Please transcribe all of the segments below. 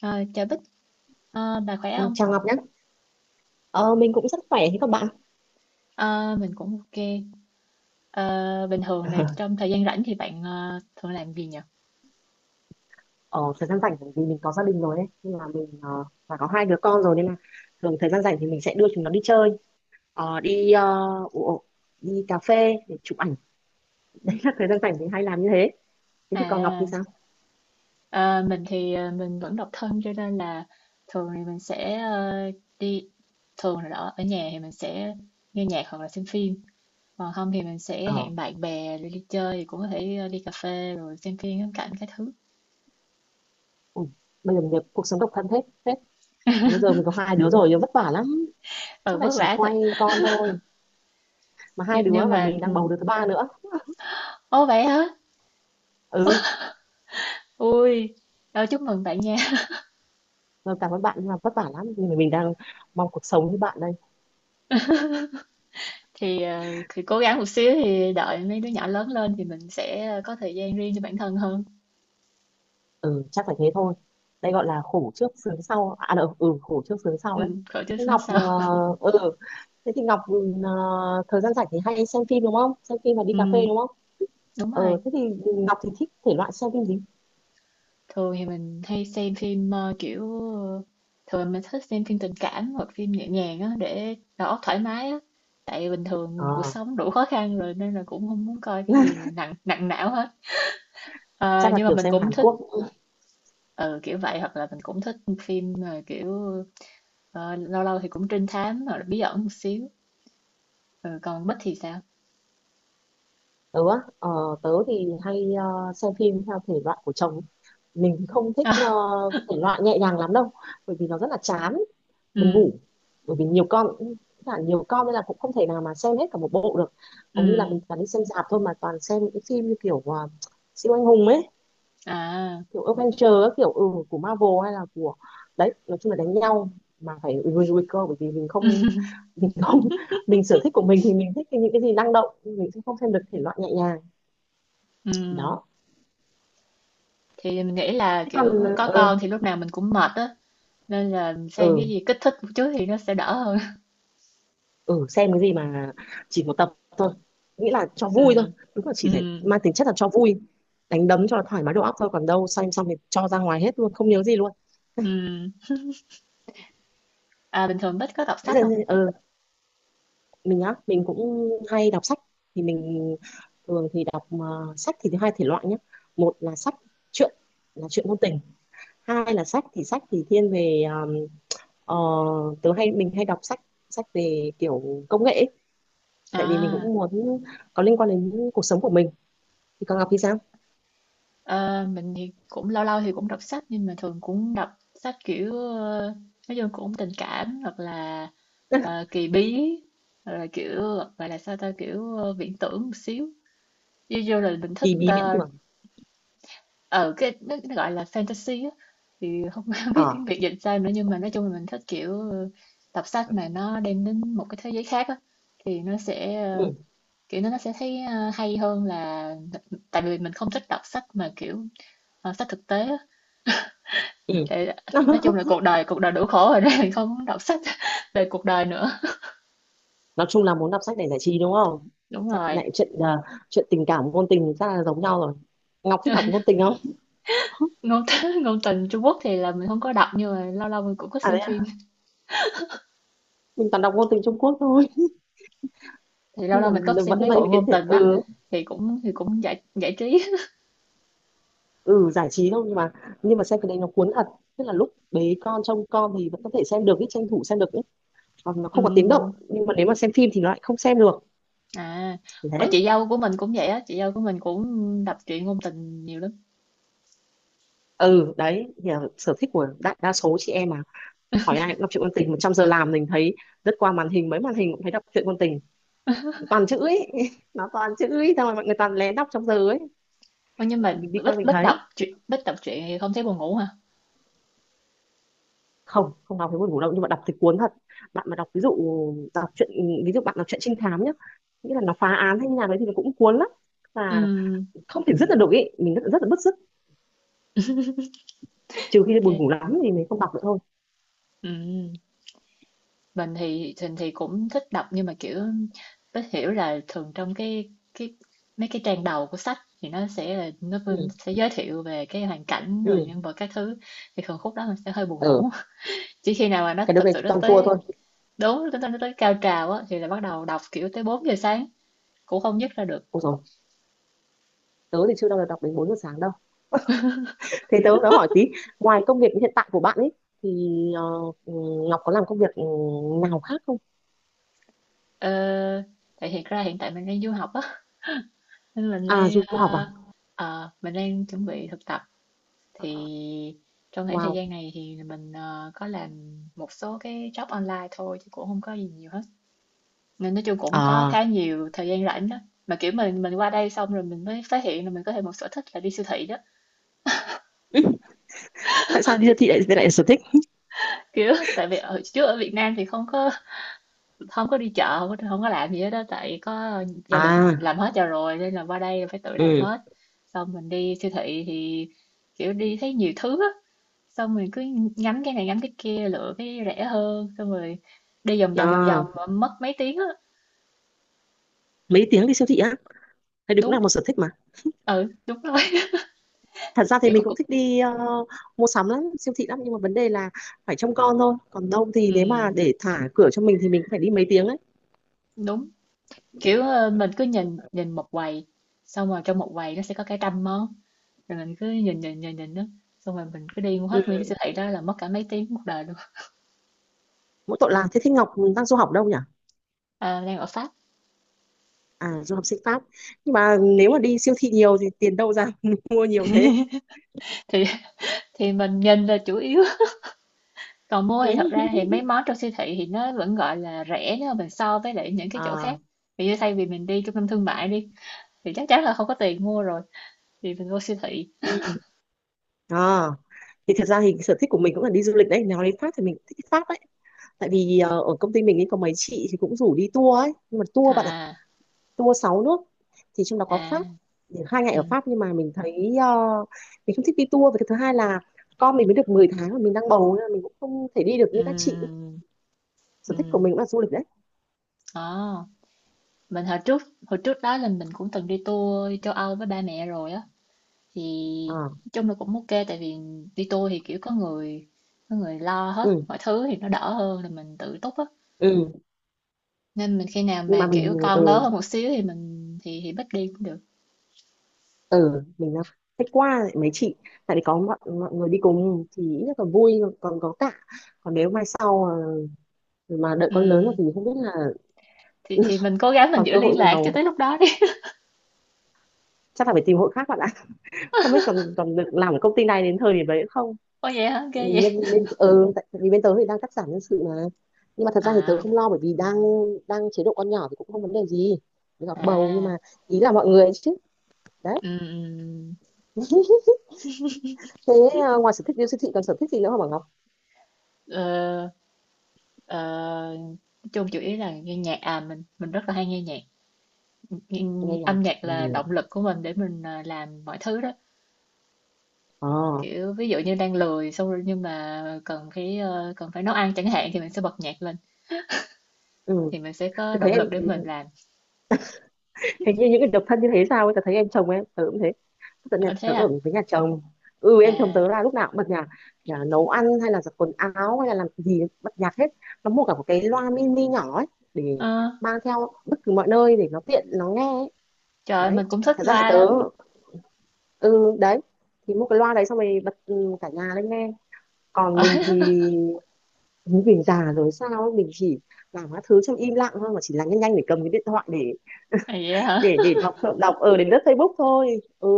Ờ, chào Bích. Bà khỏe Ờ, không? Chào Ngọc nhé. Ờ, mình cũng rất khỏe thế các bạn. Ờ, mình cũng ok. Ờ, Bình thường là trong thời gian rảnh thì bạn thường làm gì nhỉ? Ờ, Thời gian rảnh bởi vì mình có gia đình rồi ấy, nên là mình và có hai đứa con rồi nên là thường thời gian rảnh thì mình sẽ đưa chúng nó đi chơi. Ờ, đi ờ, ủa, đi cà phê để chụp ảnh. Đấy là thời gian rảnh mình hay làm như thế. Thế thì còn Ngọc thì À, sao? ờ, mình thì mình vẫn độc thân, cho nên là thường thì mình sẽ đi, thường là đó, ở nhà thì mình sẽ nghe nhạc hoặc là xem phim. Còn không thì mình sẽ Ờ, hẹn bạn bè đi chơi, thì cũng có thể đi cà phê rồi xem phim, ngắm cảnh các thứ. Ui, bây giờ mình cuộc sống độc thân hết hết. Còn bây giờ mình có hai đứa rồi, vất vả lắm. Suốt Ờ, ngày vất chỉ vả thật. quay con thôi. Mà hai Nhưng, đứa nhưng và mà mình đang ừ. bầu đứa thứ ba nữa. Ồ vậy hả? Ừ, Ui, chúc mừng bạn nha. rồi cảm ơn bạn nhưng mà vất vả lắm. Nhưng mà mình đang mong cuộc sống như bạn đây. Thì cố gắng một xíu thì đợi mấy đứa nhỏ lớn lên thì mình sẽ có thời gian riêng cho bản thân hơn. Ừ, chắc phải thế thôi. Đây gọi là khổ trước sướng sau à đâu, khổ trước sướng sau đấy. Khỏi chơi thế xuống Ngọc sau. ờ, ừ thế thì Ngọc thời gian rảnh thì hay xem phim, đúng không? Xem phim và đi cà Ừm, phê, đúng không? đúng rồi. Thế thì Ngọc thì thích thể loại xem phim gì? Thường thì mình hay xem phim kiểu, thường mình thích xem phim tình cảm hoặc phim nhẹ nhàng á, để đầu óc thoải mái á. Tại bình thường cuộc ờ sống đủ khó khăn rồi nên là cũng không muốn coi cái gì nặng nặng não hết. Ờ, Chắc là nhưng mà kiểu mình xem cũng Hàn thích Quốc. ừ, kiểu vậy, hoặc là mình cũng thích phim mà kiểu ờ, lâu lâu thì cũng trinh thám hoặc là bí ẩn một xíu. Ừ, còn Bích thì sao? Tớ á, ờ, tớ thì hay xem phim theo thể loại của chồng. Mình thì không thích thể loại nhẹ nhàng lắm đâu, bởi vì nó rất là chán, buồn Ừ, ngủ. Bởi vì nhiều con, nhiều con nên là cũng không thể nào mà xem hết cả một bộ được. Hầu như là mình ừ, toàn đi xem rạp thôi, mà toàn xem những cái phim như siêu anh hùng ấy, à, kiểu Avenger ấy, kiểu của Marvel hay là của đấy. Nói chung là đánh nhau, mà phải nguy nguy cơ. Bởi vì mình không mình không sở thích của mình thì mình thích cái những cái gì năng động. Mình sẽ không xem được thể loại nhẹ nhàng. ừ. Đó. Thì mình nghĩ là Thế kiểu còn có con thì lúc nào mình cũng mệt á, nên là xem cái ừ, gì kích thích một chút thì nó sẽ đỡ hơn. ừ, xem cái gì mà chỉ một tập thôi, nghĩa là cho vui thôi. Ừ, Đúng là chỉ ừ, phải mang tính chất là cho vui, đánh đấm cho nó thoải mái đầu óc thôi, còn đâu xem xong thì cho ra ngoài hết luôn, không nhớ gì luôn. ừ. À, bình thường Bích có đọc Thế sách giờ, không? ừ, mình cũng hay đọc sách. Thì mình Thường thì đọc sách thì thứ hai thể loại nhé. Một là sách truyện, là truyện ngôn tình. Hai là sách thì thiên về ờ, tớ hay mình hay đọc sách, sách về kiểu công nghệ ấy. Tại vì mình cũng À, muốn có liên quan đến cuộc sống của mình. Thì còn Ngọc thì sao? ờ, mình thì cũng lâu lâu thì cũng đọc sách, nhưng mà thường cũng đọc sách kiểu nói chung cũng tình cảm, hoặc là kỳ bí, hoặc là kiểu gọi là sao ta, kiểu viễn tưởng một xíu. Ví dụ là mình thích Kỳ bí viễn tưởng. ờ cái nó gọi là fantasy á, thì không, biết tiếng ờ Việt dịch sao nữa, nhưng mà nói chung là mình thích kiểu đọc sách mà nó đem đến một cái thế giới khác á, thì nó sẽ ừ kiểu nó sẽ thấy hay hơn, là tại vì mình không thích đọc sách mà kiểu sách thực tế á, ừ tại nói chung là cuộc đời đủ khổ rồi nên mình không muốn đọc sách về cuộc đời nữa. nói chung là muốn đọc sách để giải trí, đúng không? Đúng Sách rồi. này chuyện à, Chuyện tình cảm ngôn tình ra là giống nhau rồi. Ngọc thích đọc ngôn tình không? ngôn ngôn tình Trung Quốc thì là mình không có đọc, nhưng mà lâu lâu mình cũng có à xem đấy à, phim, mình toàn đọc ngôn tình Trung Quốc thôi. thì lâu Nhưng lâu mà mình có xem vẫn mấy mấy bộ cái ngôn thể, tình đó, thì cũng giải giải trí. ừ giải trí thôi. Nhưng mà xem cái đấy nó cuốn thật. Tức là lúc bế con trông con thì vẫn có thể xem được ý, tranh thủ xem được ý. Còn nó Ừ. không có tiếng động. Nhưng mà nếu mà xem phim thì nó lại không xem được. À, ôi Đấy. chị dâu của mình cũng vậy á, chị dâu của mình cũng đọc truyện ngôn tình nhiều lắm. Ừ đấy Thì là sở thích của đại đa số chị em mà. Hỏi ai cũng đọc truyện ngôn tình. 100 giờ làm mình thấy, rất qua màn hình, mấy màn hình cũng thấy đọc truyện ngôn tình, toàn chữ ấy. Nó toàn chữ ấy, xong rồi mọi người toàn lén đọc trong giờ ấy. Ôi, nhưng Thì mà mình đi qua Bích mình Bích thấy, đọc truyện, Bích đọc truyện thì không thấy buồn ngủ hả? không, không đọc thấy buồn ngủ đâu, nhưng mà đọc thì cuốn thật. Bạn mà đọc ví dụ, đọc truyện bạn đọc truyện trinh thám nhá, nghĩa là nó phá án hay như nào đấy thì nó cũng cuốn lắm. Và Ừ, không thể dứt được được ý. Mình rất, rất là bứt rứt. Trừ khi buồn ngủ ok. lắm thì mình không đọc nữa thôi. Ừ. Mình thì cũng thích đọc, nhưng mà kiểu Bích hiểu là thường trong cái mấy cái trang đầu của sách thì nó vẫn ừ sẽ giới thiệu về cái hoàn cảnh rồi ừ nhân vật các thứ, thì thường khúc đó mình sẽ hơi buồn ừ ngủ. Chỉ khi nào mà nó cái đứa thật này sự nó toàn cua tới, thôi. đúng nó tới cao trào á, thì là bắt đầu đọc kiểu tới 4 giờ sáng cũng không dứt ra được. Ôi rồi, tớ thì chưa bao giờ đọc đến 4 giờ sáng đâu. Thế tớ tớ hỏi tí, ngoài công việc hiện tại của bạn ấy thì ờ, ừ, Ngọc có làm công việc nào khác không? Ờ, tại thiệt ra hiện tại mình đang du học á, nên mình À, du đang học à? Mình đang chuẩn bị thực tập, thì trong khoảng thời Wow. gian này thì mình có làm một số cái job online thôi, chứ cũng không có gì nhiều hết. Nên nói chung cũng có À, khá nhiều thời gian rảnh đó. Mà kiểu mình qua đây xong rồi mình mới phát hiện là mình có thêm một sở thích là đi siêu thị đó. ừ, tại sao đi siêu thị lại lại là sở thích? Kiểu tại vì ở trước ở Việt Nam thì không có, không có đi chợ, không có làm gì hết đó, tại có gia đình À, làm hết cho rồi nên là qua đây phải tự làm ừ, hết, xong mình đi siêu thị thì kiểu đi thấy nhiều thứ á, xong mình cứ ngắm cái này ngắm cái kia, lựa cái rẻ hơn, xong rồi đi vòng vòng vòng vòng à, mà mất mấy tiếng á. Mấy tiếng đi siêu thị á? Thế đấy cũng Đúng, là một sở thích mà. ừ đúng rồi. Thật ra thì Kiểu có mình cũng cục thích đi mua sắm lắm, siêu thị lắm, nhưng mà vấn đề là phải trông con thôi. Còn đâu thì ừ nếu mà để thả cửa cho mình thì mình cũng phải đi mấy tiếng ấy. đúng, kiểu mình cứ nhìn, nhìn một quầy, xong rồi trong một quầy nó sẽ có cả trăm món, rồi mình cứ nhìn nhìn nhìn nhìn đó, xong rồi mình cứ đi mua Ừ, hết nguyên cái siêu thị đó là mất cả mấy tiếng một đời luôn. mỗi tội là thế. Ngọc đang du học đâu nhỉ? À, đang ở Pháp. À, du học sinh Pháp. Nhưng mà nếu mà đi siêu thị nhiều thì tiền đâu ra mua nhiều thế? Thì mình nhìn là chủ yếu, còn mua Ừ. thì thật ra thì mấy món trong siêu thị thì nó vẫn gọi là rẻ, nếu mà mình so với lại những cái chỗ à khác, vì như thay vì mình đi trung tâm thương mại đi thì chắc chắn là không có tiền mua rồi, thì mình vô siêu thị. ừ. à thì thật ra thì sở thích của mình cũng là đi du lịch đấy. Nói đến Pháp thì mình cũng thích đi Pháp đấy. Tại vì ở công ty mình ấy có mấy chị thì cũng rủ đi tour ấy, nhưng mà tour bạn ạ, À, tour 6 nước, thì trong đó à, có Pháp. Thì 2 ngày ừ, ở Pháp nhưng mà mình thấy mình không thích đi tour. Và cái thứ hai là con mình mới được 10 tháng mà mình đang bầu, nên là mình cũng không thể đi được như các chị. ừ, Sở thích của ừ. mình cũng là du lịch đấy. Ờ, mình hồi trước, đó là mình cũng từng đi tour châu Âu với ba mẹ rồi á, thì à, nói chung là cũng ok, tại vì đi tour thì kiểu có người, có người lo hết ừ, mọi thứ, thì nó đỡ hơn là mình tự túc á, ừ. nên mình khi nào Nhưng mà mà kiểu mình, con lớn hơn một xíu thì mình thì bắt đi cũng được. ừ mình đang thích qua lại mấy chị, tại vì có mọi người đi cùng thì ít nhất là vui. Còn có tạ Còn nếu mai sau ờ, mà đợi con lớn rồi Ừm, thì không biết là. thì mình cố gắng mình Còn giữ cơ hội liên lạc cho nào, tới lúc đó đi. chắc là phải tìm hội khác bạn ạ. Không biết còn còn được làm ở công ty này đến thời điểm đấy không. Ô vậy hả, ghê Vì vậy. nhân bên ừ, Tại vì bên tớ thì đang cắt giảm nhân sự mà. Nhưng mà thật ra thì tớ À, không lo bởi vì đang đang chế độ con nhỏ thì cũng không vấn đề gì. Với cả bầu nhưng à, mà ý là mọi người ấy chứ. Đấy. ừm, ừm. Thế ngoài sở thích yêu siêu thị còn sở thích gì nữa không bảo Ngọc? ờ, ờ, nói chung chủ yếu là nghe nhạc, à mình rất là hay nghe nhạc. Nghe Nhưng âm nhạc. nhạc Ừ. là động lực của mình để mình làm mọi thứ đó. Ờ. Kiểu ví dụ như đang lười xong rồi nhưng mà cần cái cần phải nấu ăn chẳng hạn, thì mình sẽ bật nhạc lên, Ừ. thì mình sẽ Tớ có thấy động em lực để mình làm. hình như những cái độc thân như thế sao ấy. Tớ thấy em chồng em tớ cũng thế. tớ, nhà, Ờ, thế tớ ở à. với nhà chồng. Ừ, em chồng À, tớ là lúc nào cũng bật nhạc. Nhà nấu ăn hay là giặt quần áo hay là làm gì bật nhạc hết. Nó mua cả một cái loa mini nhỏ ấy để ờ. mang theo bất cứ mọi nơi để nó tiện nó nghe ấy. Trời ơi, Đấy, mình cũng thích thật ra thì loa tớ, lắm. ừ đấy thì mua cái loa đấy xong rồi bật, cả nhà lên nghe. Còn mình thì mình già rồi sao ấy, mình chỉ làm các thứ trong im lặng thôi, mà chỉ là nhanh nhanh để cầm cái điện thoại để À, vậy hả? Đọc đọc ở đến lướt Facebook thôi. ừ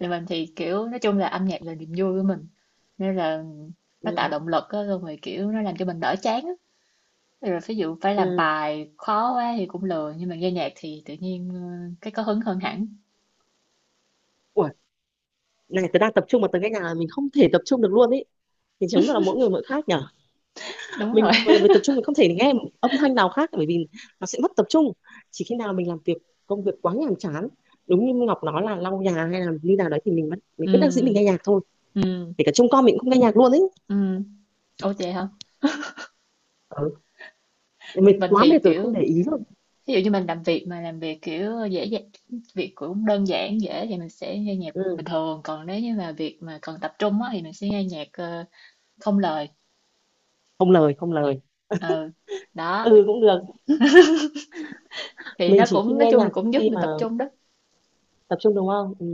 Thì mình thì kiểu nói chung là âm nhạc là niềm vui của mình. Nên là nó ừ tạo động lực á, xong rồi kiểu nó làm cho mình đỡ chán á. Rồi ví dụ phải làm ừ bài khó quá thì cũng lười, nhưng mà nghe nhạc thì tự nhiên cái có hứng hơn hẳn. Ủa này, tớ đang tập trung mà tớ nghe nhạc là mình không thể tập trung được luôn ý. Thì chứng là mỗi người mỗi khác nhở. Đúng Mình rồi. mà làm việc tập trung, mình không thể nghe một âm thanh nào khác bởi vì nó sẽ mất tập trung. Chỉ khi nào mình làm việc công việc quá nhàm chán, đúng như Ngọc nói là lau nhà hay là như nào đấy, thì mình bất đắc dĩ mình Ừ, nghe nhạc thôi. ừ, Kể cả trông con mình cũng không nghe nhạc luôn ấy. ừ. Ủa vậy hả? Ừ. Mình Mình quá thì mệt rồi kiểu không để ý rồi. ví dụ như mình làm việc, mà làm việc kiểu dễ dàng, việc cũng đơn giản dễ, thì mình sẽ nghe nhạc Ừ. bình thường, còn nếu như mà việc mà cần tập trung á thì mình sẽ nghe nhạc không lời. Không lời, không lời. Ừ, đó, Ừ cũng được. thì Mình nó chỉ khi cũng nói nghe chung là nhạc cũng giúp khi mình mà tập trung đó. tập trung, đúng không? Ừ.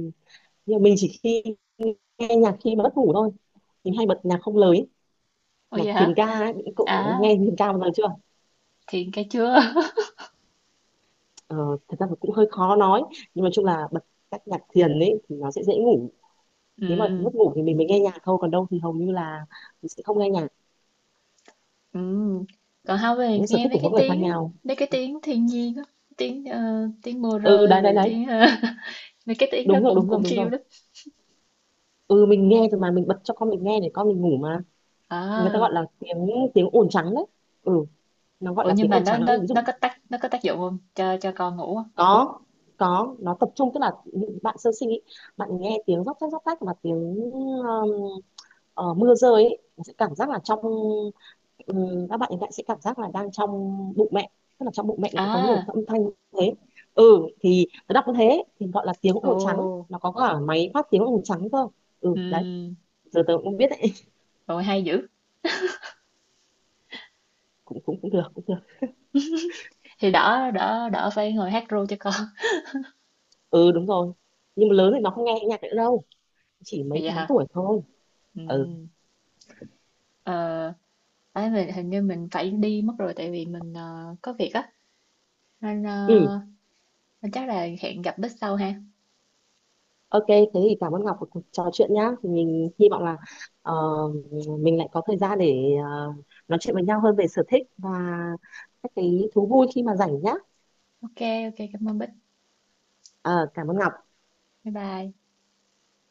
Nhưng mà mình chỉ khi nghe nhạc khi mà mất ngủ thôi, mình hay bật nhạc không lời ấy. Ôi Nhạc vậy thiền hả? ca ấy, những cậu À, nghe thiền ca một lần chưa? thiền cái chưa. ờ, Thật ra là cũng hơi khó nói, nhưng mà chung là bật các nhạc thiền ấy thì nó sẽ dễ ngủ. Nếu mà Ừ, mất ngủ thì mình mới nghe nhạc thôi, còn đâu thì hầu như là mình sẽ không nghe nhạc. ừ, còn không thì Những sở nghe thích mấy của cái mỗi người khác tiếng á, nhau. mấy cái tiếng thiên nhiên á, tiếng ờ, tiếng mưa Ừ, rơi, đấy, đấy, rồi đấy. Mấy cái tiếng đó Đúng rồi, cũng đúng rồi, cũng đúng rồi. chill lắm. Ừ mình nghe rồi mà, mình bật cho con mình nghe để con mình ngủ mà. Người ta À, gọi là tiếng tiếng ồn trắng đấy. Ừ, nó gọi ủa là nhưng tiếng mà ồn trắng ấy, ví nó dụ. có tác, nó có tác dụng không, cho cho con ngủ không? có có nó tập trung, tức là những bạn sơ sinh ý, bạn nghe tiếng róc rách mà tiếng mưa rơi ý, nó sẽ cảm giác là trong, các bạn hiện tại sẽ cảm giác là đang trong bụng mẹ. Tức là trong bụng mẹ nó cũng có nhiều À, âm thanh như thế. Ừ, thì nó đọc như thế thì gọi là tiếng ồ, ồn trắng, nó có cả máy phát tiếng ồn trắng cơ. Ừ đấy. ừ, Giờ tớ cũng không biết đấy. rồi hay dữ. cũng cũng cũng được, cũng được. Thì đỡ, đỡ phải ngồi hát ru cho con. Ừ đúng rồi. Nhưng mà lớn thì nó không nghe nhạc nữa đâu, chỉ mấy Vậy tháng hả? tuổi thôi. Ừ, Ừ. ờ. Ấy, mình hình như mình phải đi mất rồi, tại vì mình có việc á, nên, ờ, Ừ. nên chắc là hẹn gặp Bích sau ha. Ok, thế thì cảm ơn Ngọc của cuộc trò chuyện nhá. Thì mình hy vọng là ờ, mình lại có thời gian để nói chuyện với nhau hơn về sở thích và các cái thú vui khi mà rảnh nhá. Ok, ok cảm ơn Bích. Ờ, Cảm ơn Ngọc. Bye bye.